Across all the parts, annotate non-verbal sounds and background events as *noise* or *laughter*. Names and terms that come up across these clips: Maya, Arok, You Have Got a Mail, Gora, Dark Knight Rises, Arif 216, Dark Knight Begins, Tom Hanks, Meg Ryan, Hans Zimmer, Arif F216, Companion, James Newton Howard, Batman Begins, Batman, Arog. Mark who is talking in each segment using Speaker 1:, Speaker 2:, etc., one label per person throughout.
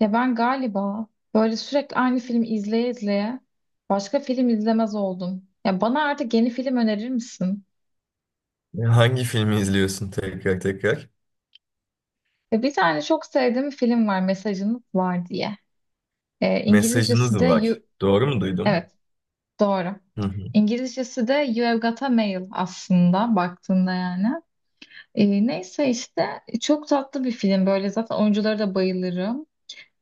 Speaker 1: Ya ben galiba böyle sürekli aynı filmi izleye izleye başka film izlemez oldum. Ya bana artık yeni film önerir misin?
Speaker 2: Hangi filmi izliyorsun tekrar tekrar?
Speaker 1: Ve bir tane çok sevdiğim film var Mesajınız Var diye. İngilizcesi
Speaker 2: Mesajınız
Speaker 1: de You...
Speaker 2: var. Doğru mu duydum?
Speaker 1: Evet, doğru.
Speaker 2: Hı hı.
Speaker 1: İngilizcesi de You Have Got a Mail aslında baktığında yani. Neyse işte çok tatlı bir film böyle zaten oyunculara da bayılırım.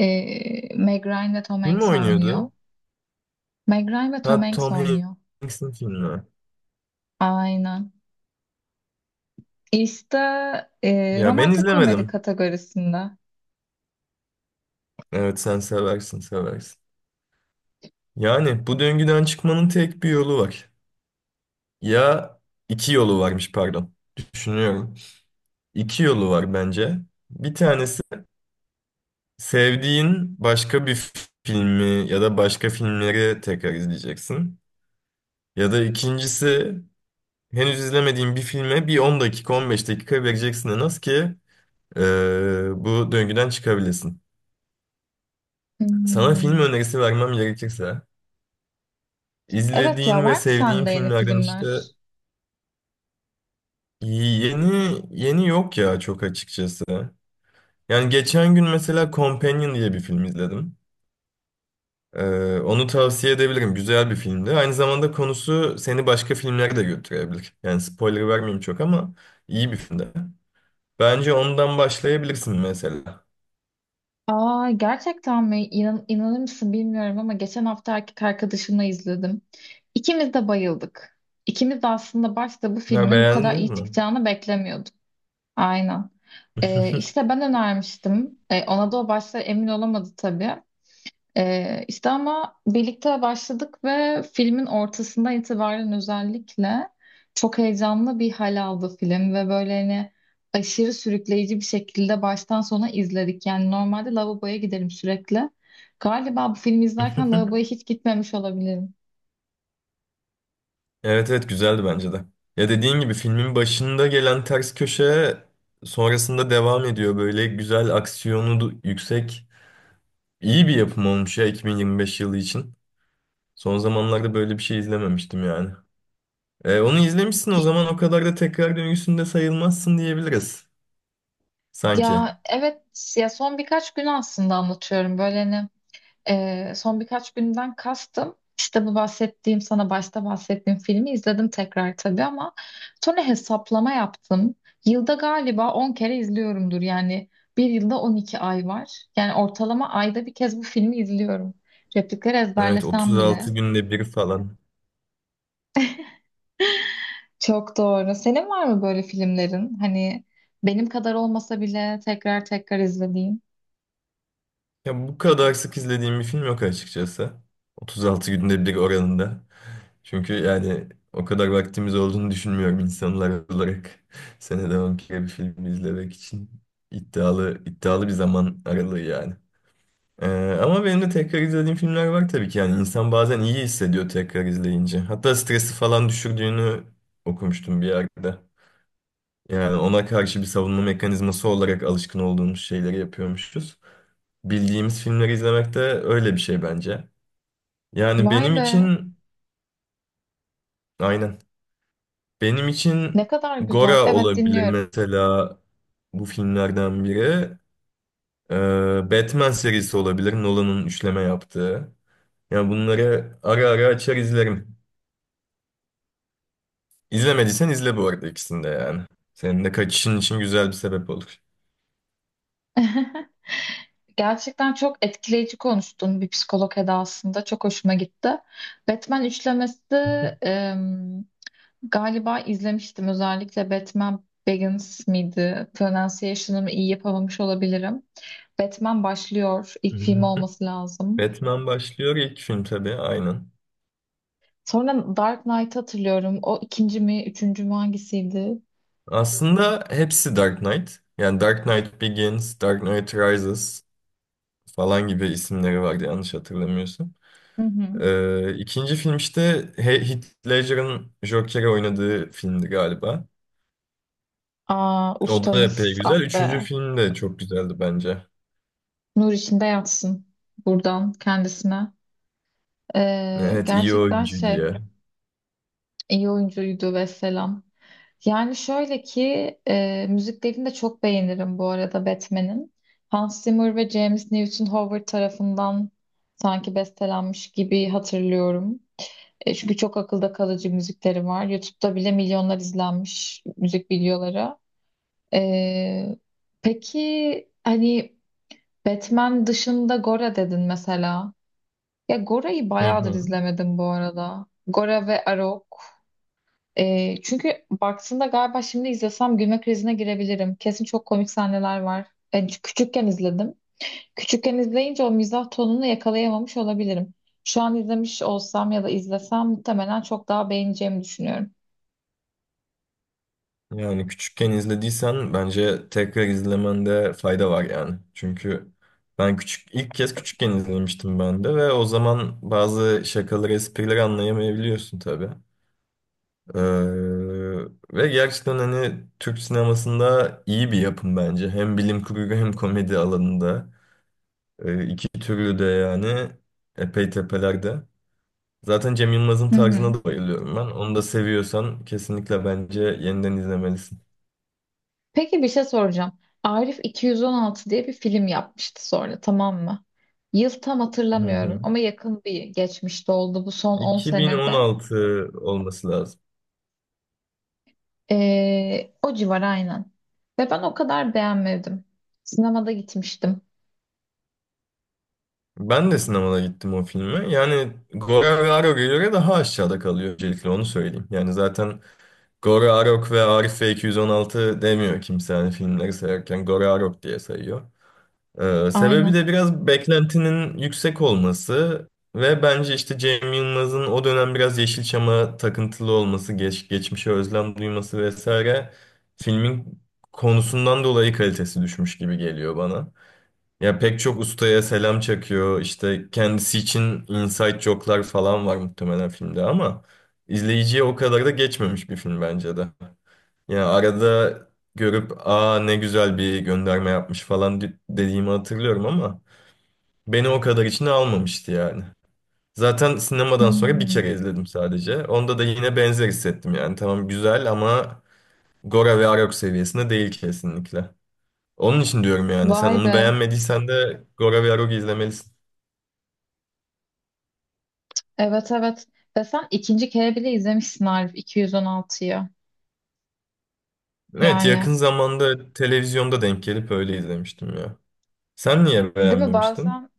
Speaker 1: Meg Ryan ve Tom
Speaker 2: Kim
Speaker 1: Hanks oynuyor.
Speaker 2: oynuyordu?
Speaker 1: Meg Ryan ve
Speaker 2: Ha
Speaker 1: Tom Hanks
Speaker 2: Tom
Speaker 1: oynuyor.
Speaker 2: Hanks'in filmi.
Speaker 1: Aynen. İşte
Speaker 2: Ya ben
Speaker 1: romantik komedi
Speaker 2: izlemedim.
Speaker 1: kategorisinde.
Speaker 2: Evet sen seversin seversin. Yani bu döngüden çıkmanın tek bir yolu var. Ya iki yolu varmış pardon. Düşünüyorum. İki yolu var bence. Bir tanesi sevdiğin başka bir filmi ya da başka filmleri tekrar izleyeceksin. Ya da ikincisi, henüz izlemediğin bir filme bir 10 dakika 15 dakika vereceksin en az ki bu döngüden çıkabilesin. Sana film
Speaker 1: Hmm.
Speaker 2: önerisi vermem gerekirse
Speaker 1: Evet, ya
Speaker 2: izlediğin ve
Speaker 1: var mı
Speaker 2: sevdiğin
Speaker 1: sende yeni
Speaker 2: filmlerden işte
Speaker 1: filmler?
Speaker 2: yeni yeni yok ya çok açıkçası. Yani geçen gün mesela Companion diye bir film izledim. Onu tavsiye edebilirim. Güzel bir filmdi. Aynı zamanda konusu seni başka filmlere de götürebilir. Yani spoiler vermeyeyim çok ama iyi bir filmdi. Bence ondan başlayabilirsin mesela.
Speaker 1: Aa, gerçekten mi? İnanır mısın bilmiyorum ama geçen hafta erkek arkadaşımla izledim. İkimiz de bayıldık. İkimiz de aslında başta bu
Speaker 2: Ya
Speaker 1: filmin bu kadar
Speaker 2: beğendiniz
Speaker 1: iyi
Speaker 2: mi?
Speaker 1: çıkacağını beklemiyorduk. Aynen. İşte ben önermiştim. Ona da o başta emin olamadı tabii. İşte ama birlikte başladık ve filmin ortasından itibaren özellikle çok heyecanlı bir hal aldı film ve böyle hani aşırı sürükleyici bir şekilde baştan sona izledik. Yani normalde lavaboya giderim sürekli. Galiba bu filmi izlerken lavaboya
Speaker 2: *laughs*
Speaker 1: hiç gitmemiş olabilirim.
Speaker 2: Evet evet güzeldi bence de. Ya dediğin gibi filmin başında gelen ters köşe sonrasında devam ediyor. Böyle güzel aksiyonu yüksek iyi bir yapım olmuş ya 2025 yılı için. Son zamanlarda böyle bir şey izlememiştim yani. Onu izlemişsin o zaman o kadar da tekrar döngüsünde sayılmazsın diyebiliriz. Sanki.
Speaker 1: Ya evet, ya son birkaç gün aslında anlatıyorum böyle hani son birkaç günden kastım. İşte bu bahsettiğim, sana başta bahsettiğim filmi izledim tekrar tabii ama sonra hesaplama yaptım. Yılda galiba 10 kere izliyorumdur. Yani bir yılda 12 ay var. Yani ortalama ayda bir kez bu filmi izliyorum. Replikleri
Speaker 2: Evet
Speaker 1: ezberlesem bile.
Speaker 2: 36 günde bir falan.
Speaker 1: Çok doğru. Senin var mı böyle filmlerin? Hani benim kadar olmasa bile tekrar tekrar izlediğin.
Speaker 2: Ya bu kadar sık izlediğim bir film yok açıkçası. 36 günde bir oranında. Çünkü yani o kadar vaktimiz olduğunu düşünmüyorum insanlar olarak. *laughs* Senede 10 kere bir film izlemek için iddialı iddialı bir zaman aralığı yani. Ee, ama benim de tekrar izlediğim filmler var tabii ki. Yani insan bazen iyi hissediyor tekrar izleyince. Hatta stresi falan düşürdüğünü okumuştum bir yerde. Yani ona karşı bir savunma mekanizması olarak alışkın olduğumuz şeyleri yapıyormuşuz. Bildiğimiz filmleri izlemek de öyle bir şey bence. Yani
Speaker 1: Vay
Speaker 2: benim
Speaker 1: be,
Speaker 2: için aynen. Benim için
Speaker 1: ne kadar güzel.
Speaker 2: Gora
Speaker 1: Evet,
Speaker 2: olabilir
Speaker 1: dinliyorum.
Speaker 2: mesela bu filmlerden biri. Ee, Batman serisi olabilir. Nolan'ın üçleme yaptığı. Yani bunları ara ara açar izlerim. İzlemediysen izle bu arada ikisini de yani. Senin de kaçışın için güzel bir sebep olur.
Speaker 1: *laughs* Gerçekten çok etkileyici konuştun bir psikolog edasında. Çok hoşuma gitti. Batman üçlemesi
Speaker 2: *laughs*
Speaker 1: em, galiba izlemiştim. Özellikle Batman Begins miydi? Pronunciation'ımı iyi yapamamış olabilirim. Batman başlıyor. İlk film olması lazım.
Speaker 2: Batman başlıyor ilk film tabii aynen.
Speaker 1: Sonra Dark Knight'ı hatırlıyorum. O ikinci mi, üçüncü mü, hangisiydi?
Speaker 2: Aslında hepsi Dark Knight. Yani Dark Knight Begins, Dark Knight Rises falan gibi isimleri vardı yanlış hatırlamıyorsun.
Speaker 1: Hı hı.
Speaker 2: İkinci film işte Heath Ledger'ın Joker'i oynadığı filmdi galiba.
Speaker 1: Aa,
Speaker 2: O da epey
Speaker 1: ustamız
Speaker 2: güzel.
Speaker 1: ah
Speaker 2: Üçüncü
Speaker 1: be.
Speaker 2: film de çok güzeldi bence.
Speaker 1: Nur içinde yatsın buradan kendisine. Ee,
Speaker 2: Evet iyi
Speaker 1: gerçekten
Speaker 2: oyuncu
Speaker 1: şey
Speaker 2: diye.
Speaker 1: iyi oyuncuydu ve selam. Yani şöyle ki müziklerini de çok beğenirim bu arada Batman'in. Hans Zimmer ve James Newton Howard tarafından sanki bestelenmiş gibi hatırlıyorum. Çünkü çok akılda kalıcı müzikleri var. YouTube'da bile milyonlar izlenmiş müzik videoları. E, peki hani Batman dışında Gora dedin mesela. Ya Gora'yı
Speaker 2: Hı
Speaker 1: bayağıdır
Speaker 2: hı.
Speaker 1: izlemedim bu arada. Gora ve Arok. Çünkü baktığında galiba şimdi izlesem gülme krizine girebilirim. Kesin çok komik sahneler var. Ben küçükken izledim. Küçükken izleyince o mizah tonunu yakalayamamış olabilirim. Şu an izlemiş olsam ya da izlesem muhtemelen çok daha beğeneceğimi düşünüyorum.
Speaker 2: Yani küçükken izlediysen bence tekrar izlemende fayda var yani. Çünkü ben küçük ilk kez küçükken izlemiştim ben de ve o zaman bazı şakaları, esprileri anlayamayabiliyorsun tabii. Ee, ve gerçekten hani Türk sinemasında iyi bir yapım bence. Hem bilim kurgu hem komedi alanında. İki türlü de yani epey tepelerde. Zaten Cem Yılmaz'ın
Speaker 1: Hı hı.
Speaker 2: tarzına da bayılıyorum ben. Onu da seviyorsan kesinlikle bence yeniden izlemelisin.
Speaker 1: Peki bir şey soracağım. Arif 216 diye bir film yapmıştı sonra, tamam mı? Yıl tam
Speaker 2: Hı
Speaker 1: hatırlamıyorum
Speaker 2: hı.
Speaker 1: ama yakın bir geçmişte oldu, bu son 10 senede.
Speaker 2: 2016 olması lazım.
Speaker 1: O civar aynen. Ve ben o kadar beğenmedim. Sinemada gitmiştim.
Speaker 2: Ben de sinemada gittim o filme. Yani Gora ve Arog'a göre daha aşağıda kalıyor öncelikle onu söyleyeyim. Yani zaten Gora Arok ve Arif F216 demiyor kimse hani filmleri sayarken Gora Arok diye sayıyor. Sebebi
Speaker 1: Aynen.
Speaker 2: de biraz beklentinin yüksek olması ve bence işte Cem Yılmaz'ın o dönem biraz Yeşilçam'a takıntılı olması, geçmişe özlem duyması vesaire filmin konusundan dolayı kalitesi düşmüş gibi geliyor bana. Ya pek çok ustaya selam çakıyor. İşte kendisi için inside joke'lar falan var muhtemelen filmde ama izleyiciye o kadar da geçmemiş bir film bence de. Ya arada görüp aa ne güzel bir gönderme yapmış falan dediğimi hatırlıyorum ama beni o kadar içine almamıştı yani. Zaten sinemadan sonra bir kere
Speaker 1: Hmm.
Speaker 2: izledim sadece. Onda da yine benzer hissettim yani. Tamam güzel ama Gora ve Arog seviyesinde değil kesinlikle. Onun için diyorum yani sen
Speaker 1: Vay
Speaker 2: onu
Speaker 1: be.
Speaker 2: beğenmediysen de Gora ve Arog'u izlemelisin.
Speaker 1: Evet, evet. Ve sen ikinci kere bile izlemişsin Arif 216'yı.
Speaker 2: Evet
Speaker 1: Yani
Speaker 2: yakın zamanda televizyonda denk gelip öyle izlemiştim ya. Sen niye
Speaker 1: değil mi,
Speaker 2: beğenmemiştin?
Speaker 1: bazen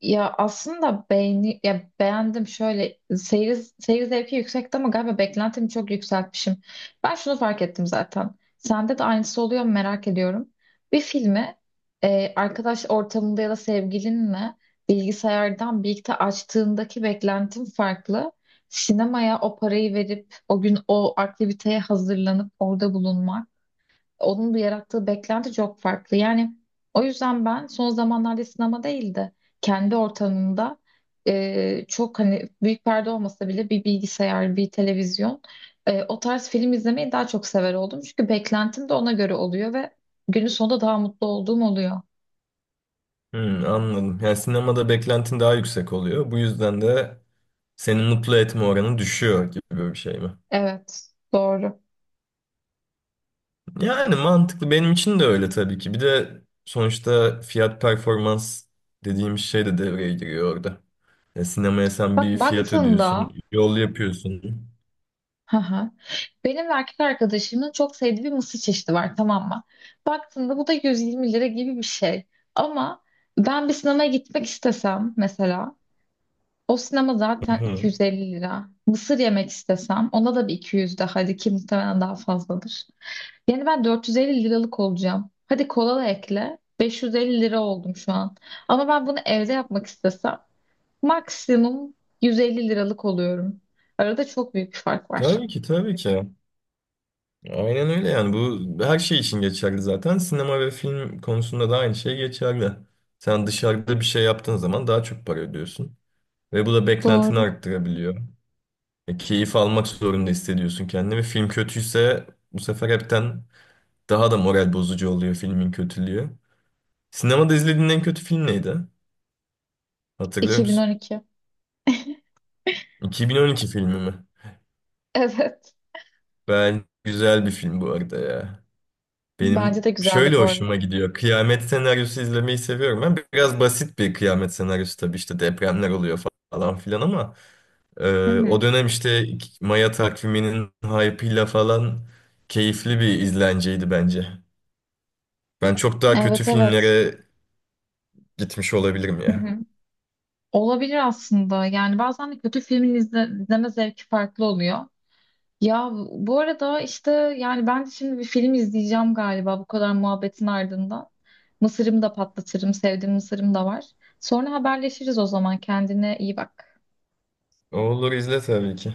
Speaker 1: Aslında ya beğendim şöyle seyir zevki yüksekti ama galiba beklentimi çok yükseltmişim. Ben şunu fark ettim zaten. Sende de aynısı oluyor mu, merak ediyorum. Bir filmi arkadaş ortamında ya da sevgilinle bilgisayardan birlikte açtığındaki beklentim farklı. Sinemaya o parayı verip o gün o aktiviteye hazırlanıp orada bulunmak, onun da yarattığı beklenti çok farklı. Yani o yüzden ben son zamanlarda sinema değil de kendi ortamımda çok hani büyük perde olmasa bile bir bilgisayar, bir televizyon o tarz film izlemeyi daha çok sever oldum. Çünkü beklentim de ona göre oluyor ve günün sonunda daha mutlu olduğum oluyor.
Speaker 2: Hmm, anladım. Yani sinemada beklentin daha yüksek oluyor. Bu yüzden de seni mutlu etme oranı düşüyor gibi bir şey mi?
Speaker 1: Evet, doğru.
Speaker 2: Yani mantıklı. Benim için de öyle tabii ki. Bir de sonuçta fiyat performans dediğimiz şey de devreye giriyor orada. Ya sinemaya sen bir fiyat ödüyorsun,
Speaker 1: Baktığında
Speaker 2: yol yapıyorsun.
Speaker 1: Hı hı. Benim ve erkek arkadaşımın çok sevdiği bir mısır çeşidi var, tamam mı? Baktığında bu da 120 lira gibi bir şey. Ama ben bir sinemaya gitmek istesem mesela, o sinema
Speaker 2: Hı
Speaker 1: zaten
Speaker 2: hı.
Speaker 1: 250 lira. Mısır yemek istesem ona da bir 200 daha, hadi ki muhtemelen daha fazladır. Yani ben 450 liralık olacağım. Hadi kola da ekle. 550 lira oldum şu an. Ama ben bunu evde yapmak istesem maksimum 150 liralık oluyorum. Arada çok büyük bir fark var.
Speaker 2: Tabii ki, tabii ki. Aynen öyle yani. Bu her şey için geçerli zaten. Sinema ve film konusunda da aynı şey geçerli. Sen dışarıda bir şey yaptığın zaman daha çok para ödüyorsun. Ve bu da beklentini
Speaker 1: Doğru.
Speaker 2: arttırabiliyor. Keyif almak zorunda hissediyorsun kendini. Ve film kötüyse bu sefer hepten daha da moral bozucu oluyor filmin kötülüğü. Sinemada izlediğin en kötü film neydi? Hatırlıyor musun?
Speaker 1: 2012.
Speaker 2: 2012 filmi mi?
Speaker 1: Evet.
Speaker 2: Ben güzel bir film bu arada ya.
Speaker 1: Bence
Speaker 2: Benim
Speaker 1: de güzeldi
Speaker 2: şöyle
Speaker 1: bu
Speaker 2: hoşuma
Speaker 1: arada.
Speaker 2: gidiyor. Kıyamet senaryosu izlemeyi seviyorum. Ben biraz basit bir kıyamet senaryosu tabii işte depremler oluyor falan filan ama
Speaker 1: Hı
Speaker 2: O
Speaker 1: hı.
Speaker 2: dönem işte Maya takviminin hype'ıyla falan keyifli bir izlenceydi bence. Ben çok daha kötü
Speaker 1: Evet, evet.
Speaker 2: filmlere gitmiş olabilirim
Speaker 1: Hı
Speaker 2: ya.
Speaker 1: hı. Olabilir aslında. Yani bazen de kötü filmin izleme zevki farklı oluyor. Ya bu arada işte yani ben de şimdi bir film izleyeceğim galiba bu kadar muhabbetin ardından. Mısırımı da patlatırım. Sevdiğim mısırım da var. Sonra haberleşiriz o zaman. Kendine iyi bak.
Speaker 2: Olur izle tabii ki.